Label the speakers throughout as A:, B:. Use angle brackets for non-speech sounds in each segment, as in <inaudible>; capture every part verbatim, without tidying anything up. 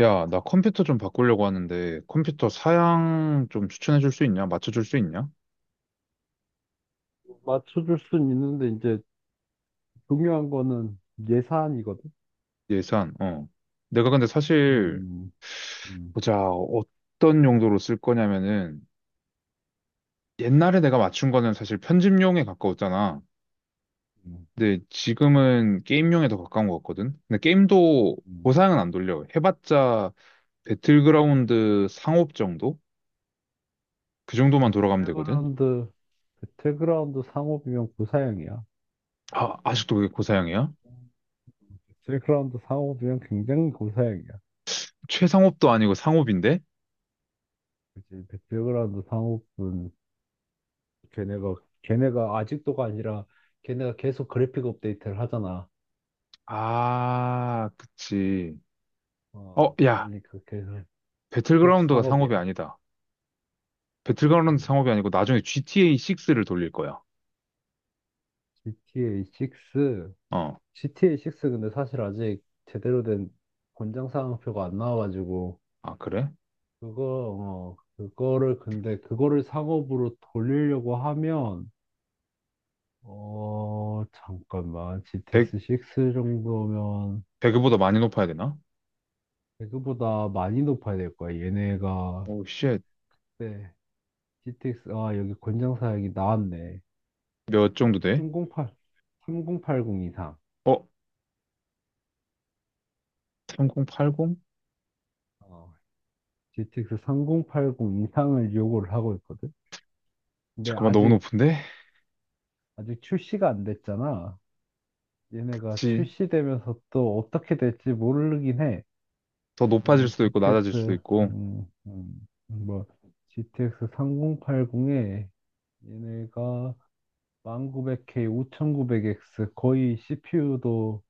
A: 야, 나 컴퓨터 좀 바꾸려고 하는데 컴퓨터 사양 좀 추천해 줄 수 있냐? 맞춰 줄 수 있냐?
B: 맞춰줄 순 있는데 이제 중요한 거는 예산이거든.
A: 예산. 어. 내가 근데 사실
B: 음, 음,
A: 보자. 어떤 용도로 쓸 거냐면은 옛날에 내가 맞춘 거는 사실 편집용에 가까웠잖아.
B: 음,
A: 근데 지금은 게임용에 더 가까운 것 같거든. 근데 게임도
B: 음.
A: 고사양은 안 돌려. 해봤자 배틀그라운드 상업 정도? 그 정도만 돌아가면 되거든.
B: 배틀그라운드 배틀그라운드 상업이면 고사양이야.
A: 아, 아직도 그게 고사양이야?
B: 배틀그라운드 상업이면 굉장히 고사양이야.
A: 최상업도 아니고 상업인데?
B: 그치? 배틀그라운드 상업은 걔네가 걔네가 아직도가 아니라 걔네가 계속 그래픽 업데이트를 하잖아.
A: 아, 그치. 어,
B: 어,
A: 야,
B: 그러니까 계속
A: 배틀그라운드가
B: 상업이야.
A: 상업이 아니다. 배틀그라운드
B: 음.
A: 상업이 아니고 나중에 지티에이 식스를 돌릴 거야.
B: 지티에이 식스
A: 어,
B: 지티에이 식스 근데 사실 아직 제대로 된 권장 사항표가 안 나와가지고
A: 아, 그래?
B: 그거 어 그거를 근데 그거를 상업으로 돌리려고 하면 어 잠깐만
A: 배
B: 지티에스 식스 정도면
A: 배그보다 많이 높아야 되나?
B: 배그보다 많이 높아야 될 거야 얘네가.
A: 오, 쉣.
B: 네. 지티엑스 아 여기 권장 사양이 나왔네.
A: 몇 정도 돼?
B: 삼공팔 삼공팔공 이상.
A: 어, 삼공팔공?
B: 어 지티엑스 삼공팔공 이상을 요구를 하고 있거든. 근데
A: 잠깐만, 너무
B: 아직
A: 높은데?
B: 아직 출시가 안 됐잖아. 얘네가
A: 그치.
B: 출시되면서 또 어떻게 될지 모르긴 해.
A: 더 높아질
B: 그러면
A: 수도 있고, 낮아질 수도
B: 지티엑스,
A: 있고.
B: 음, 음, 뭐, 지티엑스 삼공팔공에 얘네가 일구공공 케이, 오천구백 엑스 거의 씨피유도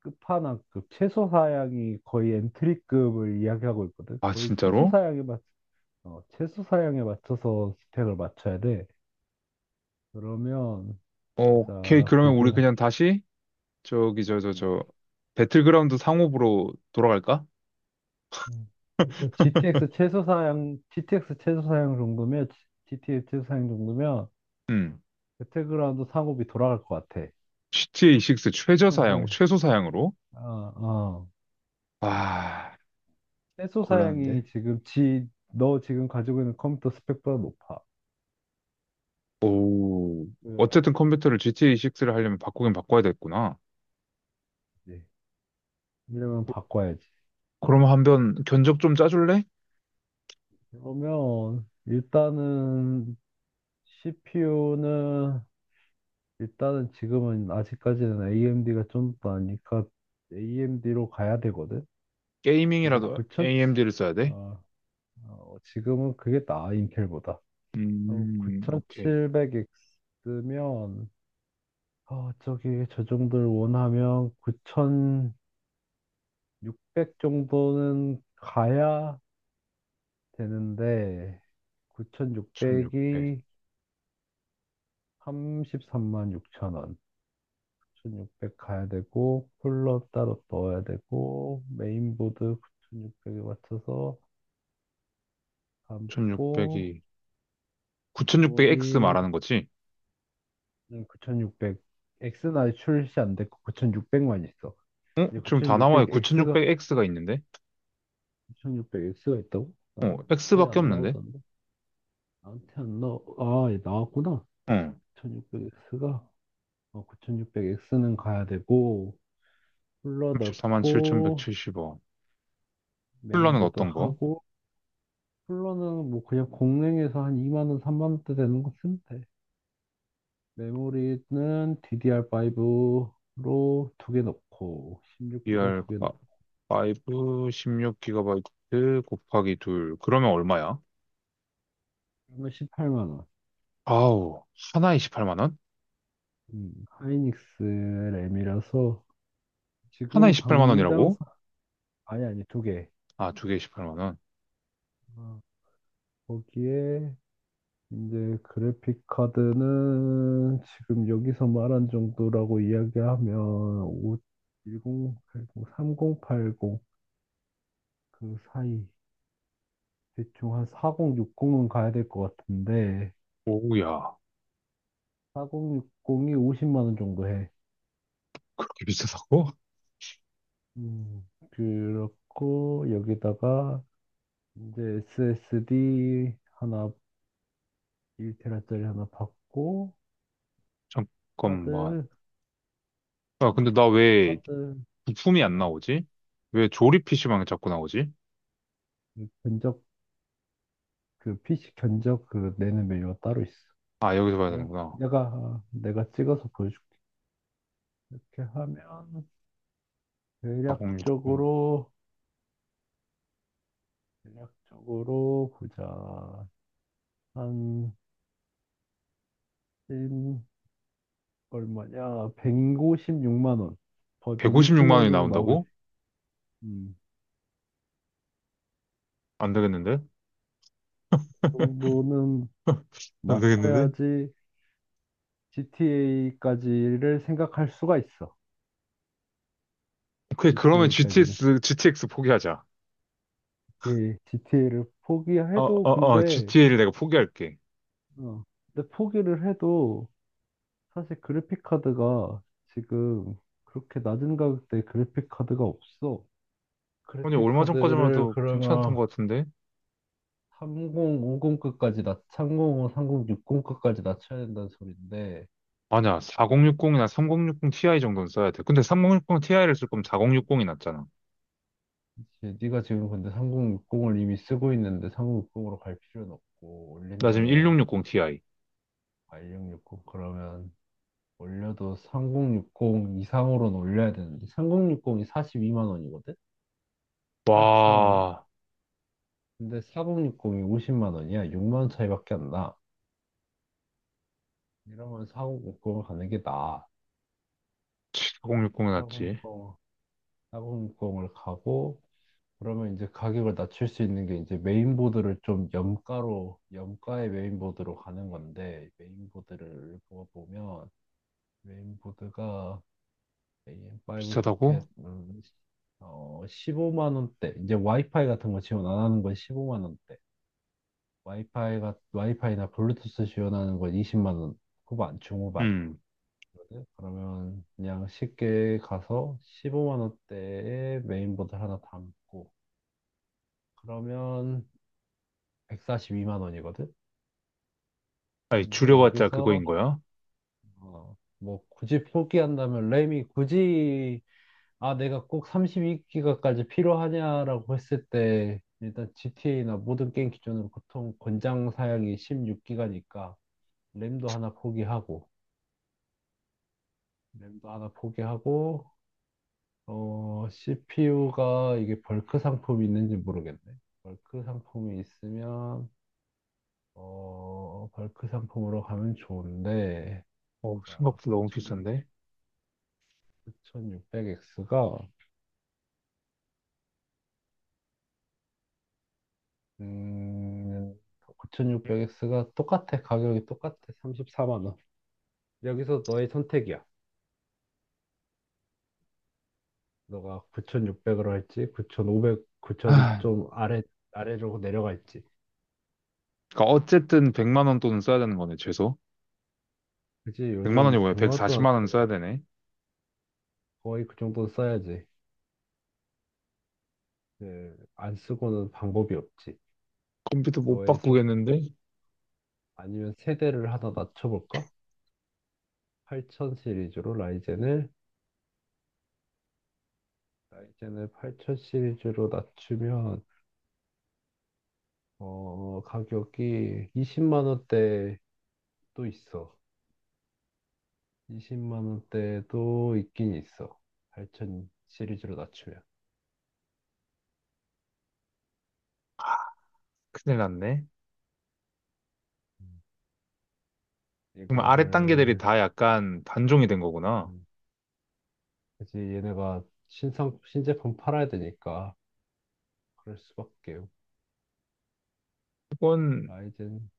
B: 끝판왕급, 최소 사양이 거의 엔트리급을 이야기하고 있거든.
A: 아,
B: 거의 최소
A: 진짜로?
B: 사양에 맞, 어, 최소 사양에 맞춰서 스펙을 맞춰야 돼. 그러면
A: 어, 오케이.
B: 보자,
A: 그러면 우리
B: 그좀.
A: 그냥 다시, 저기, 저, 저, 저, 배틀그라운드 상업으로 돌아갈까?
B: 음. 그러니까 지티엑스 최소 사양, 지티엑스 최소 사양 정도면 지티엑스 최소 사양 정도면
A: 응.
B: 배틀그라운드 상업이 돌아갈 것 같아.
A: 지티에이 식스 최저 사양,
B: 충분히.
A: 최소 사양으로?
B: 어, 어.
A: 아,
B: 최소
A: 곤란한데?
B: 사양이 지금 지, 너 지금 가지고 있는 컴퓨터 스펙보다 높아.
A: 오,
B: 그,
A: 어쨌든 컴퓨터를 지티에이 식스를 하려면 바꾸긴 바꿔야 됐구나.
B: 네. 이러면 바꿔야지.
A: 그럼 한번 견적 좀 짜줄래?
B: 그러면 일단은 씨피유는 일단은 지금은 아직까지는 에이엠디가 좀 더 나니까 에이엠디로 가야 되거든. 근데
A: 게이밍이라도
B: 9천
A: 에이엠디를 써야 돼?
B: 어, 지금은 그게 나아 인텔보다. 어,
A: 음, 오케이.
B: 구천칠백 엑스면 어, 저기 저 정도를 원하면 구천육백 정도는 가야 되는데
A: 천육백.
B: 구육공공이 삼십삼만 영천 원. 구천육백 가야 되고 쿨러 따로 넣어야 되고 메인보드 구육공공에 맞춰서 담고
A: 천육백이, 구천육백엑스
B: 메모리,
A: 말하는 거지?
B: 음, 구육공공 X나 출시 안 됐고 구천육백만 있어.
A: 어?
B: 이제
A: 지금 다
B: 9600
A: 나와요.
B: X가
A: 구천육백엑스가 있는데?
B: 구육공공 X가 있다고?
A: 어,
B: 나한테
A: X밖에
B: 안
A: 없는데?
B: 나오던데. 나한테 안 나오. 아, 얘 나왔구나.
A: 어,
B: 구육공공 X가. 어, 구육공공 X는 가야 되고 쿨러
A: 만사 칠
B: 넣고
A: 일 칠 공 원. 쿨러는
B: 메인보드
A: 어떤 거?
B: 하고. 쿨러는 뭐 그냥 공랭에서 한 이만 원, 삼만 원대 되는 거 쓰면 돼. 메모리는 디디알 파이브로 두 개 넣고 십육 기가 두 개 넣고
A: 디알 오, 십육 기가바이트 곱하기 둘 그러면 얼마야?
B: 그러면 십팔만 원.
A: 아우, 하나에 십팔만 원?
B: 음, 하이닉스 램이라서
A: 하나에
B: 지금
A: 십팔만
B: 당장
A: 원이라고?
B: 사- 아니, 아니, 두 개.
A: 아, 두 개에 십팔만 원.
B: 어, 거기에 이제 그래픽 카드는 지금 여기서 말한 정도라고 이야기하면 오 천팔십, 삼공팔공 그 사이. 대충 한 사공육공은 가야 될 것 같은데,
A: 오우야,
B: 사공육공이 오십만 원 정도 해.
A: 그렇게 비싸다고?
B: 음, 그렇고 여기다가 이제 에스에스디 하나 일테라짜리 하나 받고
A: <laughs> 잠깐만.
B: 하드
A: 아, 근데 나 왜
B: 하드.
A: 부품이 안
B: 아,
A: 나오지? 왜 조립 피시방에 자꾸 나오지?
B: 그 견적. 그 피씨 견적 그 내는 메뉴가 따로 있어.
A: 아, 여기서 봐야
B: 그냥
A: 되는구나.
B: 내가 아, 내가 찍어서 보여줄게. 이렇게 하면
A: 사공육공.
B: 대략적으로 대략적으로 보자. 한, 음, 얼마냐? 일십육만 원. 거의 백육십만
A: 백오십육만
B: 원
A: 원이
B: 정도 나오겠지.
A: 나온다고?
B: 음,
A: 안 되겠는데?
B: 그 정도는
A: <laughs> 안 되겠는데?
B: 맞춰야지 지티에이까지를 생각할 수가 있어.
A: 오케이, 그러면
B: 지티에이까지를
A: 지티에스, 지티엑스 포기하자.
B: 지티에이를
A: 어,
B: 포기해도
A: 어, 어,
B: 근데,
A: 지티에이를 내가 포기할게.
B: 어, 근데 포기를 해도 사실 그래픽 카드가 지금 그렇게 낮은 가격대 그래픽 카드가 없어.
A: 아니,
B: 그래픽
A: 얼마 전까지만
B: 카드를
A: 해도 괜찮았던
B: 그러면
A: 것 같은데?
B: 삼공오공급까지 낮, 삼공오공, 육 공급까지 낮춰야 된다는 소리인데.
A: 아니야, 사공육공이나 삼공육공 티아이 정도는 써야 돼. 근데 삼공육공 티아이를 쓸 거면
B: 그러니까
A: 사공육공이 낫잖아.
B: 이제 네가 지금 근데 삼공육공을 이미 쓰고 있는데 삼공육공으로 갈 필요는 없고,
A: 나 지금
B: 올린다면
A: 일육육공 티아이.
B: 일육육공. 그러면 올려도 삼공육공 이상으로는 올려야 되는데 삼공육공이 사십이만 원이거든? 사십사만 원?
A: 와,
B: 근데 사공육공이 오십만 원이야. 육만 원 차이밖에 안 나. 이러면 사공육공을 가는 게 나아.
A: 칠공육공이 낫지.
B: 사공육공, 사 육 공을 가고 그러면 이제 가격을 낮출 수 있는 게 이제 메인보드를 좀 염가로 염가의 메인보드로 가는 건데, 메인보드를 보면 메인보드가 에이엠 파이브 소켓.
A: 비싸다고?
B: 음, 어, 십오만 원대. 이제 와이파이 같은 거 지원 안 하는 건 십오만 원대. 와이파이가 와이파이나 블루투스 지원하는 건 이십만 원 후반, 중후반
A: 음.
B: 거든. 그러면 그냥 쉽게 가서 십오만 원대에 메인보드 하나 담고 그러면 백사십이만 원이거든.
A: 아니,
B: 근데
A: 줄여봤자
B: 여기서
A: 그거인 거야?
B: 어, 뭐 굳이 포기한다면 램이 굳이, 아, 내가 꼭 삼십이 기가까지 필요하냐라고 했을 때, 일단 지티에이나 모든 게임 기준으로 보통 권장 사양이 십육 기가니까, 램도 하나 포기하고, 램도 하나 포기하고, 어, 씨피유가 이게 벌크 상품이 있는지 모르겠네. 벌크 상품이 있으면, 어, 벌크 상품으로 가면 좋은데.
A: 어,
B: 자,
A: 생각보다 너무 비싼데?
B: 구육공공 엑스가 음, 구천육백 엑스가 똑같아. 가격이 똑같아. 삼십사만 원. 여기서 너의 선택이야. 너가 구천육백으로 할지, 구천오백, 구천
A: 아,
B: 좀 아래, 아래로 내려갈지.
A: 그러니까 어쨌든 백만 원 돈은 써야 되는 거네, 최소.
B: 그치,
A: 백만 원이
B: 요즘
A: 뭐야?
B: 백만 원 동안 안
A: 백사십만 원 써야
B: 쓰고
A: 되네.
B: 거의 그 정도는 써야지. 예, 안 쓰고는 방법이 없지.
A: 컴퓨터 못
B: 너의 선,
A: 바꾸겠는데?
B: 아니면 세대를 하나 낮춰볼까? 팔천 시리즈로 라이젠을, 라이젠을 팔천 시리즈로 낮추면, 어, 가격이 이십만 원대 또 있어. 이십만 원대도 있긴 있어. 팔천 시리즈로 낮추면.
A: 큰일 났네.
B: 음.
A: 그럼 아래 단계들이
B: 이거를,
A: 다 약간 단종이 된 거구나.
B: 음, 그 얘네가 신상, 신제품 팔아야 되니까, 그럴 수밖에.
A: 그건
B: 라이젠,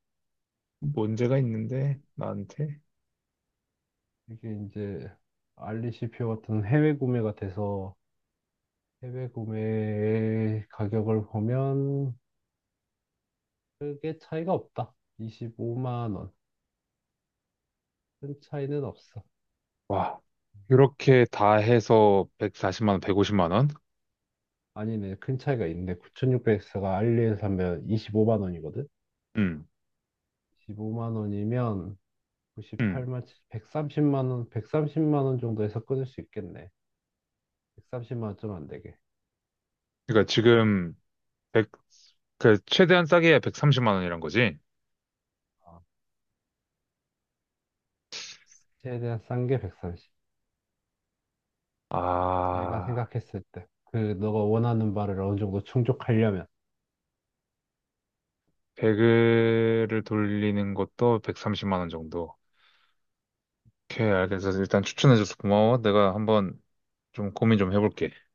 A: 문제가 있는데, 나한테.
B: 이게 이제, 알리 씨피유 같은 해외 구매가 돼서, 해외 구매 가격을 보면, 크게 차이가 없다. 이십오만 원. 큰 차이는 없어.
A: 와, 이렇게 다 해서 백사십만 원, 백오십만 원?
B: 아니네, 큰 차이가 있네. 구천육백 엑스가 알리에서 사면 이십오만 원이거든?
A: 음,
B: 십오만 원이면
A: 음.
B: 구십팔만, 백삼십만 원, 백삼십만 원 정도에서 끊을 수 있겠네. 백삼십만 원 좀 안 되게.
A: 그러니까 지금 백, 그, 최대한 싸게 야 백삼십만 원이란 거지?
B: 어, 최대한 싼 게 백삼십. 내가
A: 아,
B: 생각했을 때. 그, 너가 원하는 바를 어느 정도 충족하려면.
A: 배그를 돌리는 것도 백삼십만 원 정도. 오케이, 알겠어. 일단 추천해줘서 고마워. 내가 한번 좀 고민 좀 해볼게.